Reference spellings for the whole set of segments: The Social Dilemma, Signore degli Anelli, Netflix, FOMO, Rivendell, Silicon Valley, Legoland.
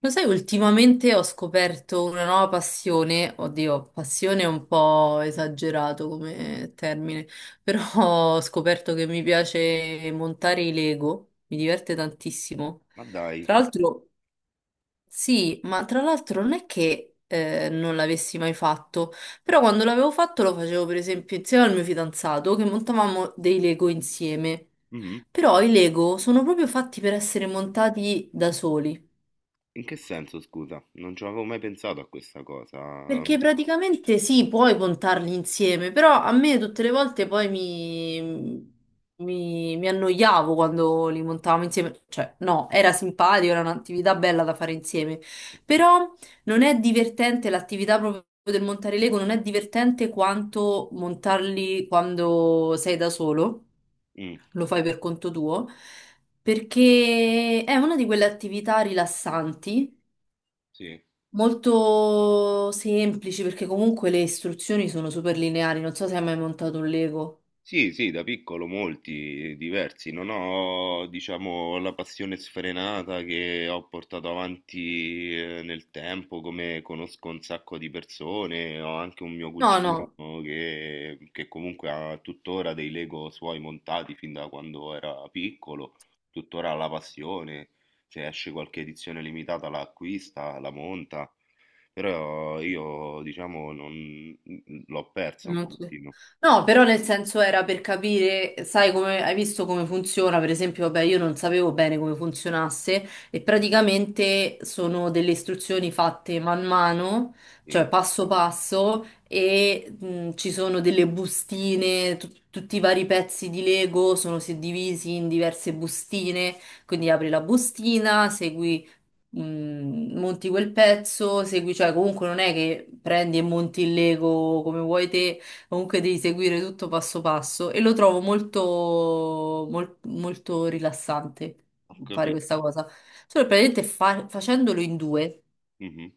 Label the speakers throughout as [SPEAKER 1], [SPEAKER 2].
[SPEAKER 1] Lo sai, ultimamente ho scoperto una nuova passione. Oddio, passione è un po' esagerato come termine, però ho scoperto che mi piace montare i Lego, mi diverte tantissimo.
[SPEAKER 2] Ma dai,
[SPEAKER 1] Tra l'altro, sì, ma tra l'altro non è che non l'avessi mai fatto, però quando l'avevo fatto lo facevo per esempio insieme al mio fidanzato che montavamo dei Lego insieme.
[SPEAKER 2] mhm.
[SPEAKER 1] Però i Lego sono proprio fatti per essere montati da soli.
[SPEAKER 2] In che senso, scusa? Non ci avevo mai pensato a questa cosa.
[SPEAKER 1] Perché praticamente sì, puoi contarli insieme, però a me tutte le volte poi mi annoiavo quando li montavamo insieme. Cioè, no, era simpatico, era un'attività bella da fare insieme. Però non è divertente l'attività proprio del montare Lego, non è divertente quanto montarli quando sei da solo,
[SPEAKER 2] Mm,
[SPEAKER 1] lo fai per conto tuo, perché è una di quelle attività rilassanti
[SPEAKER 2] sì.
[SPEAKER 1] molto semplici, perché comunque le istruzioni sono super lineari. Non so se hai mai montato un Lego.
[SPEAKER 2] Sì, sì, da piccolo molti, diversi. Non ho, diciamo, la passione sfrenata che ho portato avanti nel tempo, come conosco un sacco di persone. Ho anche un mio
[SPEAKER 1] No,
[SPEAKER 2] cugino
[SPEAKER 1] no.
[SPEAKER 2] che comunque ha tuttora dei Lego suoi montati fin da quando era piccolo, tuttora ha la passione. Se esce qualche edizione limitata la acquista, la monta. Però io, diciamo, non- l'ho persa un
[SPEAKER 1] Non ci-
[SPEAKER 2] pochino.
[SPEAKER 1] No, però nel senso, era per capire, sai, come hai visto come funziona. Per esempio, vabbè, io non sapevo bene come funzionasse e praticamente sono delle istruzioni fatte man mano, cioè
[SPEAKER 2] Sì.
[SPEAKER 1] passo passo, e ci sono delle bustine, tutti i vari pezzi di Lego sono suddivisi in diverse bustine, quindi apri la bustina, segui, monti quel pezzo, segui. Cioè comunque non è che prendi e monti il Lego come vuoi te, comunque devi seguire tutto passo passo, e lo trovo molto rilassante
[SPEAKER 2] Ho
[SPEAKER 1] fare questa
[SPEAKER 2] capito.
[SPEAKER 1] cosa. Solo che praticamente facendolo in due.
[SPEAKER 2] Mh-mh,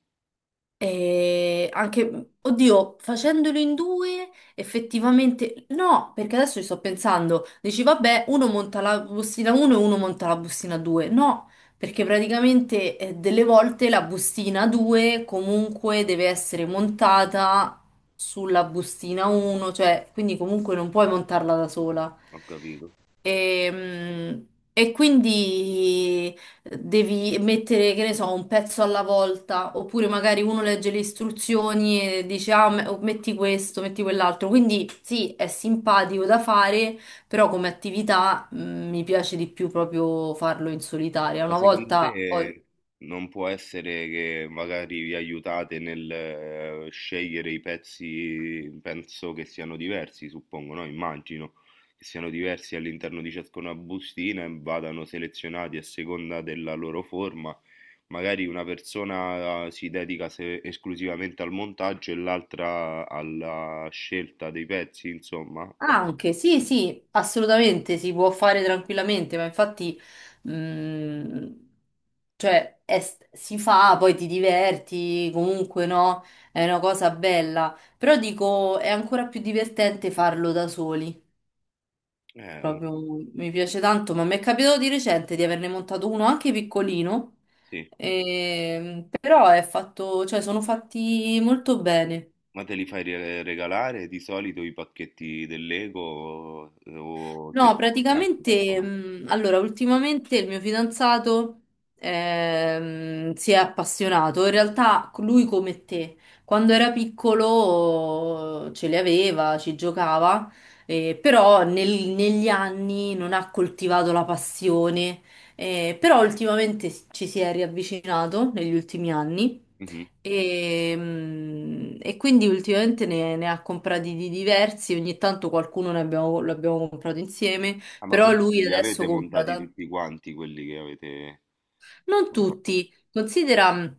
[SPEAKER 1] E anche, oddio, facendolo in due, effettivamente no, perché adesso ci sto pensando. Dici, vabbè, uno monta la bustina 1 e uno monta la bustina 2. No, perché praticamente delle volte la bustina 2 comunque deve essere montata sulla bustina 1, cioè, quindi comunque non puoi montarla da sola.
[SPEAKER 2] ho capito.
[SPEAKER 1] E, mm, e quindi devi mettere, che ne so, un pezzo alla volta, oppure magari uno legge le istruzioni e dice, ah, metti questo, metti quell'altro. Quindi sì, è simpatico da fare, però come attività, mi piace di più proprio farlo in solitaria.
[SPEAKER 2] Ma
[SPEAKER 1] Una
[SPEAKER 2] secondo
[SPEAKER 1] volta poi...
[SPEAKER 2] te non può essere che magari vi aiutate nel scegliere i pezzi, penso che siano diversi, suppongo, no, immagino, che siano diversi all'interno di ciascuna bustina e vadano selezionati a seconda della loro forma. Magari una persona si dedica se esclusivamente al montaggio e l'altra alla scelta dei pezzi, insomma. Al
[SPEAKER 1] Anche, sì, sì, assolutamente, si può fare tranquillamente, ma infatti... Mm. Cioè, si fa, poi ti diverti, comunque no, è una cosa bella. Però dico, è ancora più divertente farlo da soli.
[SPEAKER 2] eh,
[SPEAKER 1] Proprio mi piace tanto, ma mi è capitato di recente di averne montato uno anche piccolino.
[SPEAKER 2] sì.
[SPEAKER 1] Però è fatto, cioè, sono fatti molto bene.
[SPEAKER 2] Ma te li fai re- regalare di solito i pacchetti del Lego o te li
[SPEAKER 1] No,
[SPEAKER 2] fai anche da
[SPEAKER 1] praticamente,
[SPEAKER 2] sola?
[SPEAKER 1] allora, ultimamente il mio fidanzato si è appassionato. In realtà lui come te, quando era piccolo ce li aveva, ci giocava, però negli anni non ha coltivato la passione, però ultimamente ci si è riavvicinato negli ultimi anni.
[SPEAKER 2] Mhm.
[SPEAKER 1] E quindi ultimamente ne ha comprati di diversi, ogni tanto qualcuno lo abbiamo comprato insieme,
[SPEAKER 2] Ah, ma
[SPEAKER 1] però
[SPEAKER 2] quindi
[SPEAKER 1] lui
[SPEAKER 2] li
[SPEAKER 1] adesso
[SPEAKER 2] avete
[SPEAKER 1] compra
[SPEAKER 2] montati
[SPEAKER 1] tanti.
[SPEAKER 2] tutti quanti quelli che avete
[SPEAKER 1] Non
[SPEAKER 2] comprato?
[SPEAKER 1] tutti, considera,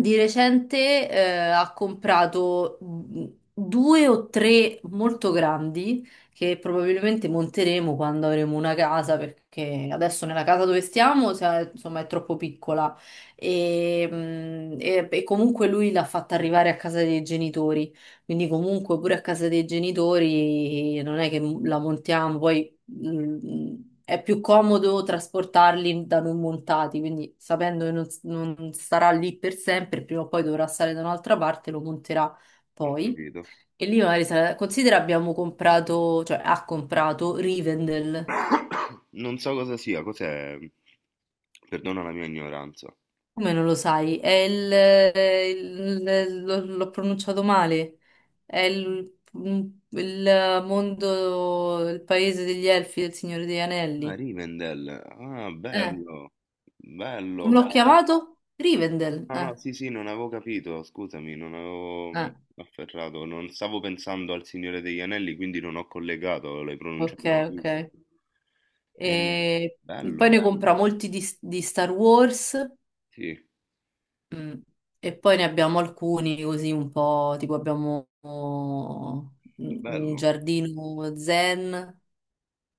[SPEAKER 1] di recente ha comprato, due o tre molto grandi che probabilmente monteremo quando avremo una casa, perché adesso nella casa dove stiamo insomma è troppo piccola e, e comunque lui l'ha fatta arrivare a casa dei genitori, quindi comunque pure a casa dei genitori non è che la montiamo poi. mm, è più comodo trasportarli da non montati, quindi sapendo che non, non starà lì per sempre, prima o poi dovrà stare da un'altra parte, lo monterà
[SPEAKER 2] Ho
[SPEAKER 1] poi.
[SPEAKER 2] capito.
[SPEAKER 1] E lì magari considera abbiamo comprato, cioè ha comprato Rivendell.
[SPEAKER 2] Non so cosa sia, cos'è? Perdona la mia ignoranza.
[SPEAKER 1] Come non lo sai? È il, l'ho pronunciato male. È il, il mondo, il paese degli elfi del Signore degli
[SPEAKER 2] Ah,
[SPEAKER 1] Anelli.
[SPEAKER 2] Rivendell. Ah,
[SPEAKER 1] Eh,
[SPEAKER 2] bello. Bello,
[SPEAKER 1] come
[SPEAKER 2] ma...
[SPEAKER 1] l'ho chiamato? Rivendell.
[SPEAKER 2] No, no, sì, sì, non avevo capito, scusami, non avevo
[SPEAKER 1] Eh.
[SPEAKER 2] afferrato, non stavo pensando al Signore degli Anelli, quindi non ho collegato, l'hai
[SPEAKER 1] Ok,
[SPEAKER 2] pronunciato
[SPEAKER 1] ok.
[SPEAKER 2] benissimo. Eh,
[SPEAKER 1] E poi
[SPEAKER 2] bello,
[SPEAKER 1] ne compra molti di Star Wars,
[SPEAKER 2] sì,
[SPEAKER 1] mm, e poi ne abbiamo alcuni così un po', tipo abbiamo, oh, un
[SPEAKER 2] bello.
[SPEAKER 1] giardino zen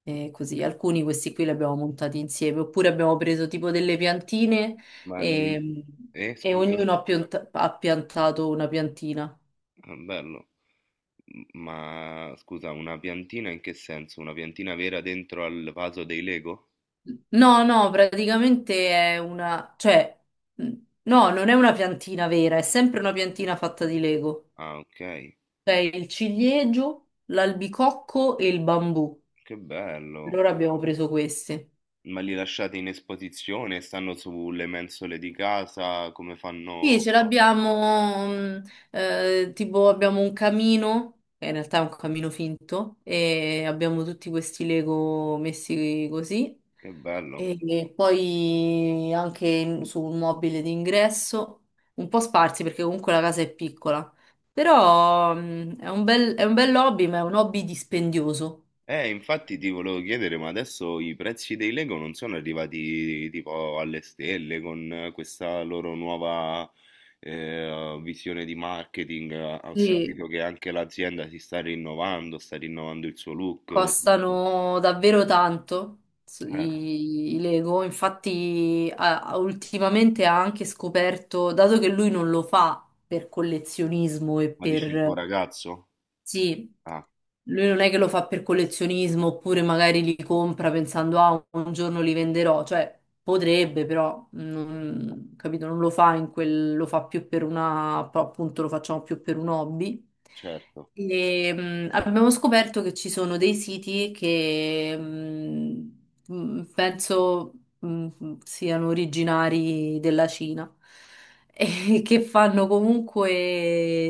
[SPEAKER 1] e così. Alcuni questi qui li abbiamo montati insieme, oppure abbiamo preso tipo delle piantine
[SPEAKER 2] Ma
[SPEAKER 1] e,
[SPEAKER 2] li-
[SPEAKER 1] e
[SPEAKER 2] scusa.
[SPEAKER 1] ognuno ha piantato una piantina.
[SPEAKER 2] Ah, bello. M- Ma scusa, una piantina in che senso? Una piantina vera dentro al vaso dei Lego?
[SPEAKER 1] No, no, praticamente è una, cioè, mh, no, non è una piantina vera, è sempre una piantina fatta di Lego.
[SPEAKER 2] Ah, ok.
[SPEAKER 1] C'è il ciliegio, l'albicocco e il bambù.
[SPEAKER 2] Che bello.
[SPEAKER 1] Allora abbiamo preso questi.
[SPEAKER 2] Ma li lasciate in esposizione? Stanno sulle mensole di casa? Come
[SPEAKER 1] Sì,
[SPEAKER 2] fanno?
[SPEAKER 1] ce l'abbiamo, tipo abbiamo un camino, che in realtà è un camino finto, e abbiamo tutti questi Lego messi così,
[SPEAKER 2] Che bello.
[SPEAKER 1] e, e poi anche su un mobile d'ingresso, un po' sparsi perché comunque la casa è piccola, però è un bel hobby, ma è un hobby dispendioso.
[SPEAKER 2] Infatti ti volevo chiedere, ma adesso i prezzi dei Lego non sono arrivati tipo alle stelle con questa loro nuova visione di marketing? Ho
[SPEAKER 1] Sì,
[SPEAKER 2] sentito che anche l'azienda si sta rinnovando il suo look, giusto?
[SPEAKER 1] costano davvero tanto
[SPEAKER 2] Eh,
[SPEAKER 1] i Lego, infatti ultimamente ha anche scoperto, dato che lui non lo fa per collezionismo e
[SPEAKER 2] ma dici il tuo
[SPEAKER 1] per...
[SPEAKER 2] ragazzo?
[SPEAKER 1] Sì,
[SPEAKER 2] Ah,
[SPEAKER 1] lui non è che lo fa per collezionismo, oppure magari li compra pensando, ah, un giorno li venderò, cioè potrebbe però, non, capito, non lo fa in quel, lo fa più per una, però, appunto lo facciamo più per un hobby.
[SPEAKER 2] certo.
[SPEAKER 1] E, abbiamo scoperto che ci sono dei siti che penso siano originari della Cina e che fanno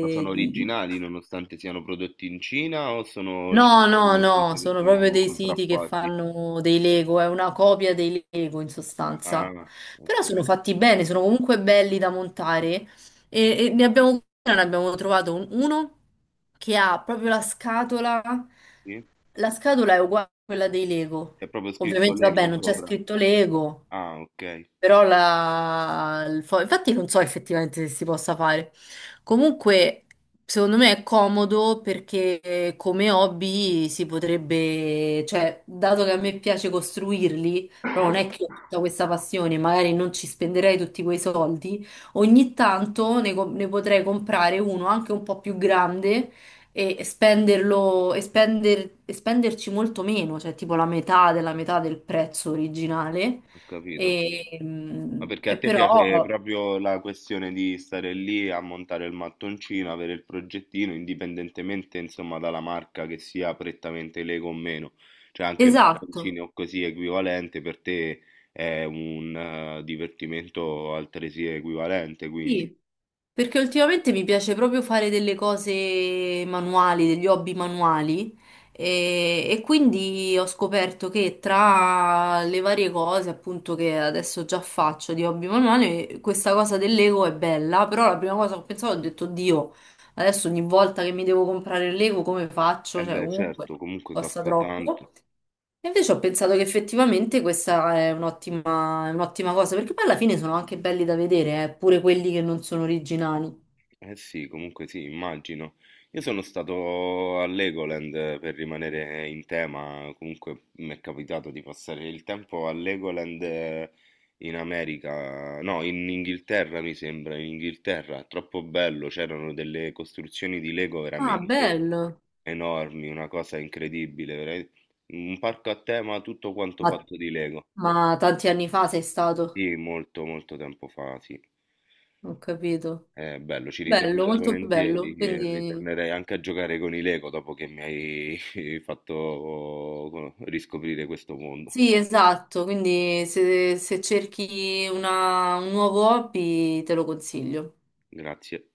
[SPEAKER 2] Ma sono originali nonostante siano prodotti in Cina o sono
[SPEAKER 1] No,
[SPEAKER 2] cinesi
[SPEAKER 1] no,
[SPEAKER 2] nel senso
[SPEAKER 1] no,
[SPEAKER 2] che
[SPEAKER 1] sono proprio
[SPEAKER 2] sono
[SPEAKER 1] dei siti che
[SPEAKER 2] contraffatti?
[SPEAKER 1] fanno dei Lego, è una copia dei Lego in sostanza.
[SPEAKER 2] Ah,
[SPEAKER 1] Però sono
[SPEAKER 2] ok.
[SPEAKER 1] fatti bene, sono comunque belli da montare e, ne abbiamo trovato uno che ha proprio
[SPEAKER 2] Sì?
[SPEAKER 1] la scatola è uguale a quella dei Lego.
[SPEAKER 2] C'è proprio scritto
[SPEAKER 1] Ovviamente, vabbè,
[SPEAKER 2] Lego
[SPEAKER 1] non c'è
[SPEAKER 2] sopra.
[SPEAKER 1] scritto Lego,
[SPEAKER 2] Ah, ok,
[SPEAKER 1] però la... il infatti non so effettivamente se si possa fare. Comunque, secondo me è comodo perché come hobby si potrebbe, cioè, dato che a me piace costruirli, però non è che ho tutta questa passione, magari non ci spenderei tutti quei soldi, ogni tanto ne potrei comprare uno anche un po' più grande e e spenderci molto meno, cioè tipo la metà della metà del prezzo originale.
[SPEAKER 2] ho capito. Ma perché a
[SPEAKER 1] E
[SPEAKER 2] te piace
[SPEAKER 1] però,
[SPEAKER 2] proprio la questione di stare lì a montare il mattoncino, avere il progettino, indipendentemente insomma dalla marca che sia prettamente Lego o meno. Cioè anche il
[SPEAKER 1] esatto,
[SPEAKER 2] mattoncino o così equivalente per te è un divertimento altresì equivalente, quindi.
[SPEAKER 1] sì, perché ultimamente mi piace proprio fare delle cose manuali, degli hobby manuali e quindi ho scoperto che tra le varie cose appunto che adesso già faccio di hobby manuali, questa cosa del Lego è bella, però la prima cosa che ho pensato ho detto, Dio, adesso ogni volta che mi devo comprare il Lego come
[SPEAKER 2] Eh
[SPEAKER 1] faccio? Cioè
[SPEAKER 2] beh,
[SPEAKER 1] comunque
[SPEAKER 2] certo, comunque
[SPEAKER 1] costa
[SPEAKER 2] costa tanto.
[SPEAKER 1] troppo. E invece ho pensato che effettivamente questa è un'ottima cosa, perché poi alla fine sono anche belli da vedere, pure quelli che non sono originali.
[SPEAKER 2] Eh sì, comunque sì, immagino. Io sono stato a Legoland per rimanere in tema, comunque mi è capitato di passare il tempo a Legoland in America, no, in Inghilterra mi sembra, in Inghilterra, troppo bello, c'erano delle costruzioni di Lego
[SPEAKER 1] Ah,
[SPEAKER 2] veramente
[SPEAKER 1] bello.
[SPEAKER 2] enormi, una cosa incredibile, vera- un parco a tema tutto quanto
[SPEAKER 1] Ma,
[SPEAKER 2] fatto di Lego.
[SPEAKER 1] ma tanti anni fa sei stato,
[SPEAKER 2] Sì, molto molto tempo fa, sì.
[SPEAKER 1] ho capito.
[SPEAKER 2] Bello, ci
[SPEAKER 1] Bello,
[SPEAKER 2] ritornerei
[SPEAKER 1] molto
[SPEAKER 2] volentieri,
[SPEAKER 1] bello.
[SPEAKER 2] che
[SPEAKER 1] Quindi
[SPEAKER 2] ritornerei anche a giocare con i Lego dopo che mi hai fatto riscoprire questo mondo.
[SPEAKER 1] sì, esatto. Quindi se cerchi un nuovo hobby te lo consiglio.
[SPEAKER 2] Grazie.